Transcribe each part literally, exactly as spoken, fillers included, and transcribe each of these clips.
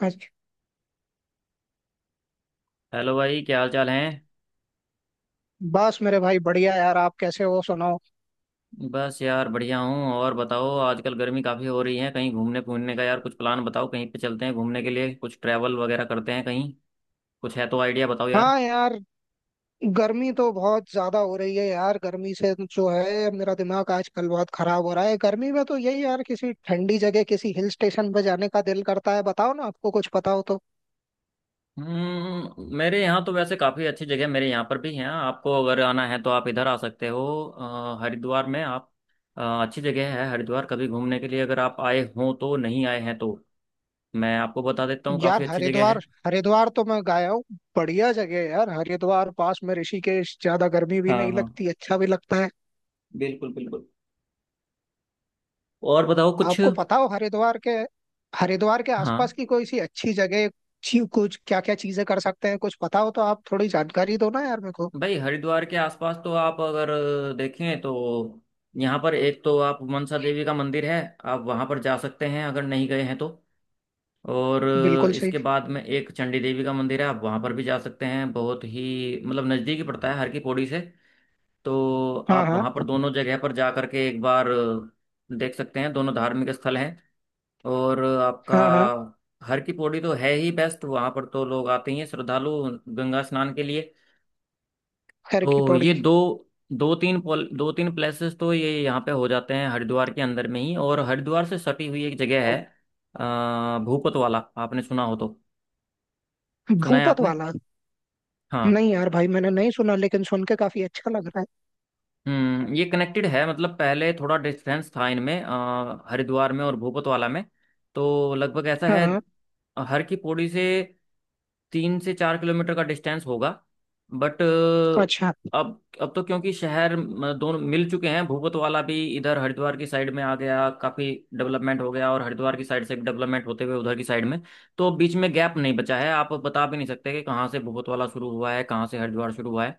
अच्छा। हेलो भाई, क्या हाल चाल है। बस मेरे भाई बढ़िया यार, आप कैसे हो सुनाओ। बस यार, बढ़िया हूँ। और बताओ, आजकल गर्मी काफ़ी हो रही है। कहीं घूमने घूमने का यार कुछ प्लान बताओ, कहीं पे चलते हैं घूमने के लिए, कुछ ट्रैवल वगैरह करते हैं कहीं। कुछ है तो आइडिया बताओ यार। हाँ यार। गर्मी तो बहुत ज्यादा हो रही है यार, गर्मी से जो है मेरा दिमाग आजकल बहुत खराब हो रहा है। गर्मी में तो यही यार, किसी ठंडी जगह किसी हिल स्टेशन पे जाने का दिल करता है, बताओ ना आपको कुछ पता हो तो। हम्म मेरे यहाँ तो वैसे काफ़ी अच्छी जगह, मेरे यहाँ पर भी हैं। आपको अगर आना है तो आप इधर आ सकते हो। अ, हरिद्वार में आप अ, अच्छी जगह है हरिद्वार। कभी घूमने के लिए अगर आप आए हों तो, नहीं आए हैं तो मैं आपको बता देता हूँ, यार, काफ़ी अच्छी जगह हरिद्वार। है। हरिद्वार तो मैं गया हूँ। बढ़िया जगह है यार, हरिद्वार पास में ऋषिकेश, ज्यादा गर्मी भी हाँ नहीं हाँ, लगती, अच्छा भी लगता है। बिल्कुल बिल्कुल, और बताओ कुछ। आपको पता हो, हरिद्वार के हरिद्वार के आसपास हाँ, की कोई सी अच्छी जगह, अच्छी कुछ, क्या क्या चीजें कर सकते हैं, कुछ पता हो तो आप थोड़ी जानकारी दो ना यार मेरे को। भाई हरिद्वार के आसपास तो आप अगर देखें तो, यहाँ पर एक तो आप, मनसा देवी का मंदिर है, आप वहाँ पर जा सकते हैं अगर नहीं गए हैं तो। और बिल्कुल सही। इसके बाद में एक चंडी देवी का मंदिर है, आप वहाँ पर भी जा सकते हैं, बहुत ही मतलब नज़दीक ही पड़ता है हर की पौड़ी से। तो हाँ आप हाँ। वहाँ पर दोनों जगह पर जा करके एक बार देख सकते हैं, दोनों धार्मिक स्थल हैं। और आपका हाँ हाँ। हर की पौड़ी तो है ही बेस्ट, वहाँ पर तो लोग आते ही हैं श्रद्धालु गंगा स्नान के लिए। खैर की तो ये पौड़ी। दो दो तीन पॉल दो तीन प्लेसेस तो ये यहाँ पे हो जाते हैं हरिद्वार के अंदर में ही। और हरिद्वार से सटी हुई एक जगह है, अ, भूपत वाला, आपने सुना हो तो? सुना है भूपत आपने? वाला। हाँ। नहीं यार भाई, मैंने नहीं सुना, लेकिन सुन के काफी अच्छा लग रहा है। हम्म ये कनेक्टेड है, मतलब पहले थोड़ा डिस्टेंस था इनमें, अ, हरिद्वार में और भूपतवाला में, तो लगभग ऐसा हाँ है हाँ। हर की पौड़ी से तीन से चार किलोमीटर का डिस्टेंस होगा। बट अच्छा। अब अब तो क्योंकि शहर म, दोनों मिल चुके हैं, भूपतवाला भी इधर हरिद्वार की साइड में आ गया, काफी डेवलपमेंट हो गया, और हरिद्वार की साइड से डेवलपमेंट होते हुए उधर की साइड में। तो अब बीच में गैप नहीं बचा है, आप बता भी नहीं सकते कि कहाँ से भूपतवाला शुरू हुआ है, कहाँ से हरिद्वार शुरू हुआ है।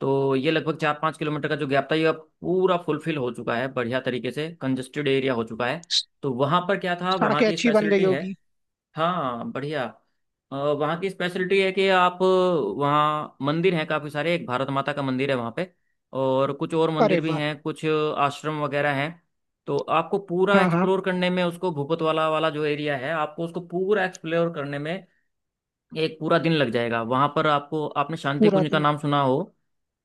तो ये लगभग चार पाँच किलोमीटर का जो गैप था, ये अब पूरा फुलफिल हो चुका है, बढ़िया तरीके से कंजेस्टेड एरिया हो चुका है। स- तो वहाँ पर क्या था, वहाँ सड़कें की अच्छी बन गई स्पेशलिटी है। होगी। हाँ बढ़िया। अ, वहाँ की स्पेशलिटी है कि आप, वहाँ मंदिर हैं काफ़ी सारे, एक भारत माता का मंदिर है वहाँ पे, और कुछ और अरे मंदिर भी वाह। हैं, कुछ आश्रम वगैरह हैं। तो आपको पूरा हाँ हाँ। एक्सप्लोर करने में उसको, भूपतवाला वाला जो एरिया है आपको उसको पूरा एक्सप्लोर करने में एक पूरा दिन लग जाएगा। वहाँ पर आपको, आपने शांति पूरा कुंज का दिन। नाम सुना हो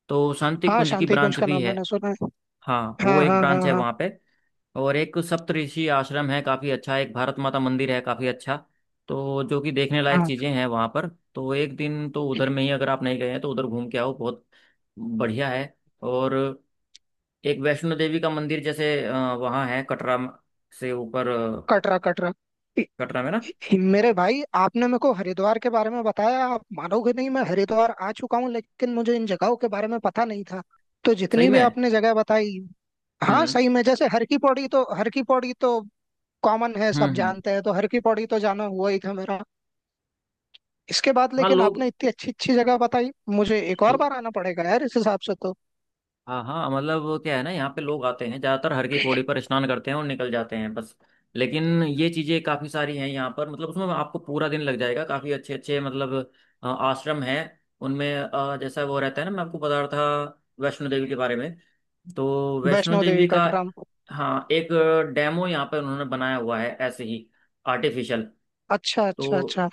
तो, शांति हाँ, कुंज की शांति कुंज ब्रांच का भी नाम है। मैंने सुना है। हाँ, वो हाँ एक हाँ ब्रांच हाँ है हाँ। वहाँ पे। और एक सप्तऋषि आश्रम है काफ़ी अच्छा, एक भारत माता मंदिर है काफ़ी अच्छा। तो जो कि देखने लायक हाँ। चीज़ें हैं वहाँ पर। तो एक दिन तो उधर में ही, अगर आप नहीं गए हैं तो उधर घूम के आओ, बहुत बढ़िया है। और एक वैष्णो देवी का मंदिर, जैसे अ, वहाँ है कटरा म- से ऊपर, अ, कटरा कटरा। कटरा में ना। हि- मेरे भाई, आपने मेरे को हरिद्वार के बारे में बताया, आप मानोगे नहीं, मैं हरिद्वार आ चुका हूँ लेकिन मुझे इन जगहों के बारे में पता नहीं था। तो सही जितनी भी में। आपने जगह बताई। हाँ हम्म, सही में, जैसे हर की पौड़ी तो, हर की पौड़ी तो कॉमन है, हम्म, सब हम्म। जानते हैं, तो हर की पौड़ी तो जाना हुआ ही था मेरा। इसके बाद हाँ, लेकिन लोग। आपने इतनी अच्छी अच्छी जगह बताई, मुझे एक और बार आना पड़ेगा यार इस हिसाब से तो। हाँ हाँ, मतलब वो क्या है ना, यहाँ पे लोग आते हैं ज्यादातर हर की पौड़ी पर, स्नान करते हैं और निकल जाते हैं बस। लेकिन ये चीजें काफी सारी हैं यहाँ पर, मतलब उसमें आपको पूरा दिन लग जाएगा, काफी अच्छे अच्छे मतलब, अ, आश्रम हैं उनमें, अ, जैसा वो रहता है ना, मैं आपको बता रहा था वैष्णो देवी के बारे में। तो वैष्णो वैष्णो देवी देवी का, कटरा। हाँ, एक डेमो यहाँ पर उन्होंने बनाया हुआ है ऐसे ही, आर्टिफिशियल। अच्छा अच्छा तो अच्छा।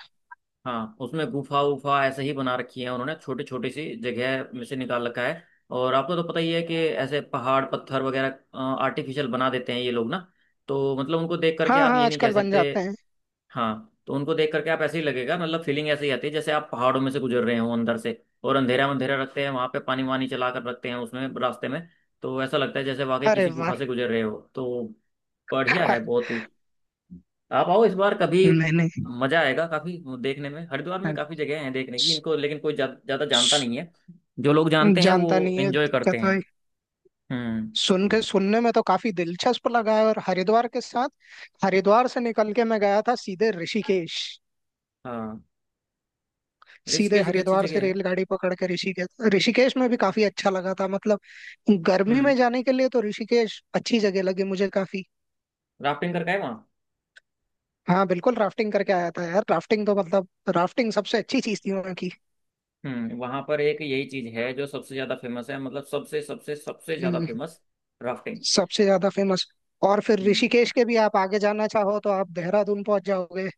हाँ, उसमें गुफा वुफा ऐसे ही बना रखी है उन्होंने, छोटी छोटी सी जगह में से निकाल रखा है। और आपको तो पता ही है कि ऐसे पहाड़ पत्थर वगैरह आर्टिफिशियल बना देते हैं ये लोग ना। तो मतलब उनको देख करके हाँ आप हाँ, ये नहीं कह आजकल बन सकते। जाते हैं। हाँ, तो उनको देख करके आप ऐसे ही लगेगा, मतलब फीलिंग ऐसे ही आती है जैसे आप पहाड़ों में से गुजर रहे हो अंदर से। और अंधेरा अंधेरा रखते हैं वहां पे, पानी वानी चला कर रखते हैं उसमें रास्ते में। तो ऐसा लगता है जैसे वाकई अरे किसी वाह। गुफा से गुजर रहे हो, तो बढ़िया है बहुत ही। आप आओ इस बार कभी, नहीं मजा आएगा काफी। देखने में हरिद्वार में काफी जगह हैं देखने की नहीं। इनको, लेकिन कोई ज्या- ज्यादा जानता नहीं है। जो लोग जानते हैं जानता वो नहीं है एंजॉय करते दिक्कत भाई। हैं। हम्म। सुन के सुनने में तो काफी दिलचस्प लगा है। और हरिद्वार के साथ, हरिद्वार से निकल के मैं गया था सीधे ऋषिकेश। हाँ, सीधे ऋषिकेश भी अच्छी हरिद्वार से जगह है। रेलगाड़ी पकड़ के ऋषिकेश। ऋषिकेश में भी काफी अच्छा लगा था मतलब। गर्मी हम्म में जाने के लिए तो ऋषिकेश अच्छी जगह लगी मुझे काफी। राफ्टिंग करके आए वहाँ? हाँ बिल्कुल, राफ्टिंग करके आया था यार, राफ्टिंग तो मतलब राफ्टिंग सबसे अच्छी चीज थी वहाँ की। हम्म वहाँ पर एक यही चीज है जो सबसे ज्यादा फेमस है, मतलब सबसे सबसे सबसे ज्यादा हम्म। Famous, rafting. सबसे ज्यादा फेमस। और फिर हम्म। ऋषिकेश के भी आप आगे जाना चाहो तो आप देहरादून पहुंच जाओगे।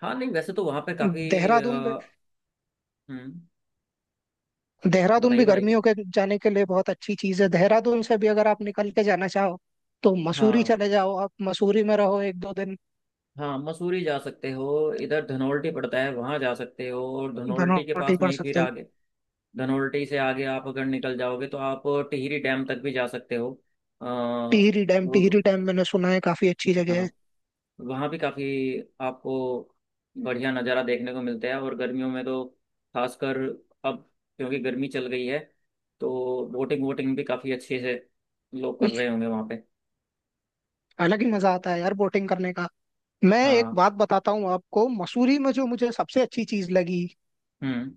हाँ नहीं, वैसे तो वहाँ पे काफी देहरादून। अ, हम्म देहरादून बताइए भी बताइए। गर्मियों के जाने के लिए बहुत अच्छी चीज है, देहरादून से भी अगर आप निकल के जाना चाहो तो मसूरी हाँ चले जाओ, आप मसूरी में रहो एक दो दिन। हाँ, मसूरी जा सकते हो, इधर धनोल्टी पड़ता है वहां जा सकते हो, और धनोल्टी के बनौटी पास में पड़ ही फिर सकते हो। आगे, धनोल्टी से आगे आप अगर निकल जाओगे तो आप टिहरी डैम तक भी जा सकते हो। आ, टिहरी डैम। वो, टिहरी डैम मैंने सुना है, काफी अच्छी जगह है। हाँ, वहाँ भी काफ़ी आपको बढ़िया नज़ारा देखने को मिलता है, और गर्मियों में तो खासकर, अब क्योंकि गर्मी चल गई है, तो बोटिंग वोटिंग भी काफ़ी अच्छे से लोग कर रहे होंगे वहाँ पे। अलग ही मजा आता है यार बोटिंग करने का। मैं एक हाँ। बात बताता हूँ आपको, मसूरी में जो मुझे सबसे अच्छी चीज लगी हम्म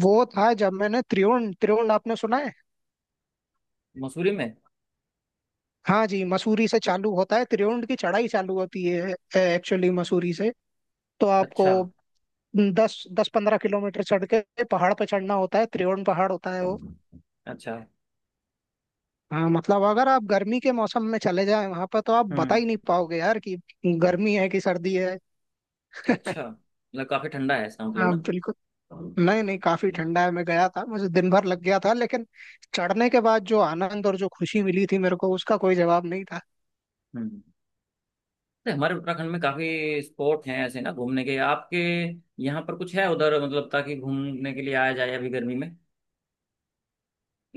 वो था जब मैंने त्रिवेण, त्रिवेण आपने सुना है? मसूरी में? हाँ जी, मसूरी से चालू होता है, त्रिवेण की चढ़ाई चालू होती है एक्चुअली मसूरी से। तो आपको अच्छा दस दस पंद्रह किलोमीटर चढ़ के पहाड़ पे चढ़ना होता है, त्रिवेण पहाड़ होता है वो। अच्छा। हाँ मतलब, अगर आप गर्मी के मौसम में चले जाएं वहां पर तो आप बता हम्म ही नहीं पाओगे यार कि गर्मी है कि सर्दी है। अच्छा, मतलब काफी ठंडा है इसका मतलब हाँ ना। बिल्कुल। नहीं नहीं, काफी ठंडा है, मैं गया था मुझे दिन भर लग गया था, लेकिन चढ़ने के बाद जो आनंद और जो खुशी मिली थी मेरे को उसका कोई जवाब नहीं था। हम्म तो हमारे उत्तराखंड में काफी स्पॉट हैं ऐसे ना घूमने के, आपके यहाँ पर कुछ है उधर मतलब, ताकि घूमने के लिए आया जाए अभी गर्मी में।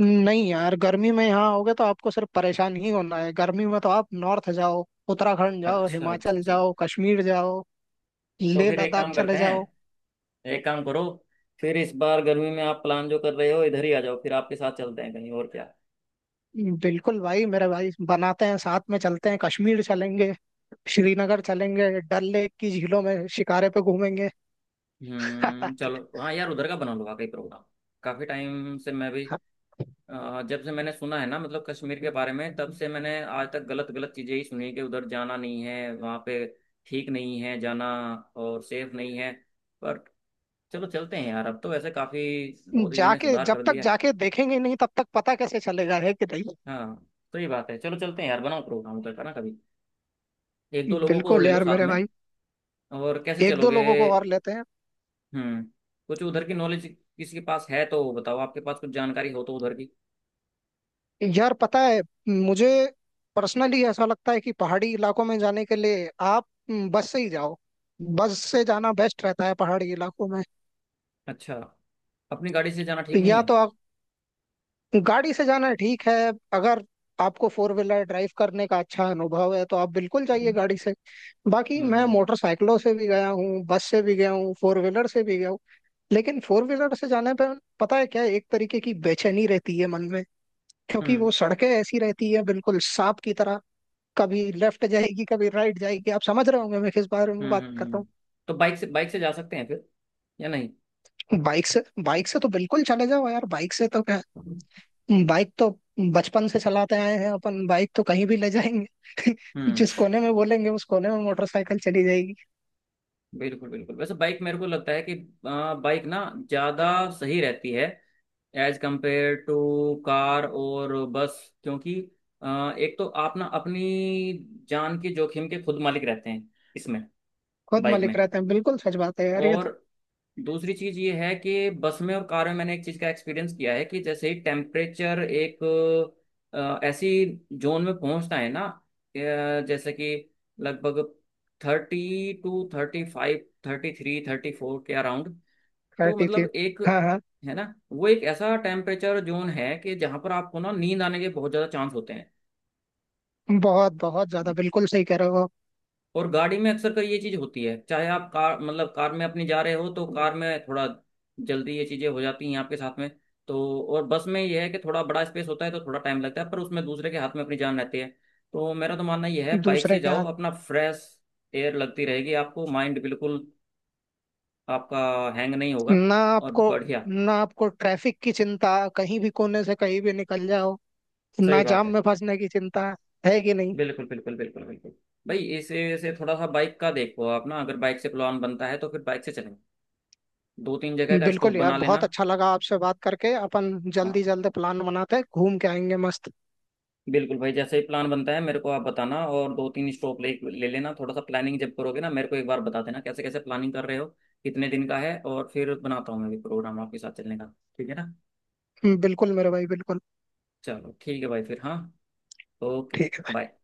नहीं यार, गर्मी में यहाँ आओगे तो आपको सिर्फ परेशान ही होना है, गर्मी में तो आप नॉर्थ जाओ, उत्तराखंड जाओ, अच्छा अच्छा हिमाचल अच्छा। जाओ, कश्मीर जाओ, तो लेह फिर एक लद्दाख काम चले करते जाओ। हैं, एक काम करो, फिर इस बार गर्मी में आप प्लान जो कर रहे हो इधर ही आ जाओ, फिर आपके साथ चलते हैं कहीं और क्या। बिल्कुल भाई, मेरे भाई बनाते हैं, साथ में चलते हैं, कश्मीर चलेंगे, श्रीनगर चलेंगे, डल लेक की झीलों में शिकारे पे घूमेंगे। हम्म चलो, हाँ यार उधर का बना लो वाकई प्रोग्राम, काफी टाइम से मैं भी, अ, जब से मैंने सुना है ना मतलब कश्मीर के बारे में तब से मैंने आज तक गलत गलत चीजें ही सुनी, कि उधर जाना नहीं है, वहां पे ठीक नहीं है जाना, और सेफ नहीं है। पर चलो चलते हैं यार, अब तो वैसे काफी मोदी जी ने जाके, सुधार जब कर तक दिया है। जाके देखेंगे नहीं तब तक पता कैसे चलेगा, है कि नहीं। हाँ, तो ये बात है, चलो चलते हैं यार, बनाओ प्रोग्राम उधर का ना कभी, एक दो लोगों को और बिल्कुल ले लो यार साथ मेरे में। भाई। और कैसे एक दो चलोगे? लोगों को और लेते हैं। हम्म कुछ उधर की नॉलेज किसी के पास है तो बताओ, आपके पास कुछ जानकारी हो तो उधर की। यार पता है, मुझे पर्सनली ऐसा लगता है कि पहाड़ी इलाकों में जाने के लिए आप हम्म, बस से ही जाओ। बस से जाना बेस्ट रहता है पहाड़ी इलाकों में। अच्छा। अपनी गाड़ी से जाना ठीक नहीं या है? तो, गाड़ी से जाना ठीक है अगर आपको फोर व्हीलर ड्राइव करने का अच्छा अनुभव है, तो आप बिल्कुल जाइए गाड़ी से। बाकी मैं हम्म, मोटरसाइकिलों से भी गया हूँ, बस से भी गया हूँ, फोर व्हीलर से भी गया हूँ। लेकिन फोर व्हीलर से जाने पे, पता है क्या, एक तरीके की बेचैनी रहती है मन में, क्योंकि हम्म, वो सड़कें ऐसी रहती है बिल्कुल सांप की तरह, कभी लेफ्ट जाएगी कभी राइट जाएगी। आप समझ रहे होंगे मैं किस बारे में हम्म, बात हम्म, हम्म। कर रहा हम्म। तो बाइक से बाइक से जा सकते हैं फिर, या नहीं? हूँ। बाइक से, बाइक से तो बिल्कुल चले जाओ यार, बाइक से तो क्या। बाइक तो बचपन से चलाते आए हैं अपन, बाइक तो कहीं भी ले जाएंगे। हम्म। जिस कोने में बोलेंगे उस कोने में मोटरसाइकिल चली जाएगी। बिल्कुल बिल्कुल, वैसे बाइक मेरे को लगता है कि बाइक ना ज़्यादा सही रहती है, एज कंपेयर टू कार और बस। क्योंकि अ, एक तो आप ना अपनी जान के जोखिम के खुद मालिक रहते हैं इसमें, खुद बाइक मालिक में। रहते हैं, बिल्कुल सच बात है यार ये तो। और दूसरी चीज ये है कि बस में और कार में मैंने एक चीज का एक्सपीरियंस किया है कि, जैसे ही टेम्परेचर एक अ, ऐसी जोन में पहुंचता है ना, अ, जैसे कि लगभग thirty two, thirty five, thirty three, thirty four के अराउंड, तो कहती थी। मतलब एक, हाँ हाँ। है ना, वो एक ऐसा टेम्परेचर जोन है कि जहां पर आपको ना नींद आने के बहुत ज्यादा चांस होते हैं। बहुत बहुत ज्यादा, बिल्कुल सही कह रहे हो। और गाड़ी में अक्सर कर ये चीज होती है, चाहे आप कार मतलब कार में अपनी जा रहे हो, तो कार में थोड़ा जल्दी ये चीजें हो जाती हैं आपके साथ में। तो और बस में ये है कि थोड़ा बड़ा स्पेस होता है तो थोड़ा टाइम लगता है, पर उसमें दूसरे के हाथ में अपनी जान रहती है। तो मेरा तो मानना ये है, बाइक से दूसरे के जाओ, हाथ। अपना फ्रेश एयर लगती रहेगी आपको, माइंड बिल्कुल आपका हैंग नहीं होगा, ना और आपको बढ़िया। ना आपको ट्रैफिक की चिंता, कहीं भी कोने से कहीं भी निकल जाओ, सही ना बात जाम है, में फंसने की चिंता। है कि नहीं। बिल्कुल बिल्कुल बिल्कुल बिल्कुल। भाई इसे से थोड़ा सा बाइक का देखो आप ना, अगर बाइक से प्लान बनता है तो फिर बाइक से चलेंगे, दो तीन जगह का स्टॉप बिल्कुल यार, बना बहुत लेना। अच्छा लगा आपसे बात करके। अपन हाँ जल्दी जल्दी प्लान बनाते हैं, घूम के आएंगे मस्त। बिल्कुल भाई, जैसे ही प्लान बनता है मेरे को आप बताना, और दो तीन स्टॉप ले ले लेना, थोड़ा सा प्लानिंग जब करोगे ना, मेरे को एक बार बता देना कैसे कैसे प्लानिंग कर रहे हो, कितने दिन का है, और फिर बनाता हूँ मैं भी प्रोग्राम आपके साथ चलने का। ठीक है ना? बिल्कुल मेरे भाई बिल्कुल। चलो ठीक है भाई, फिर हाँ, ओके। ठीक है। बाय।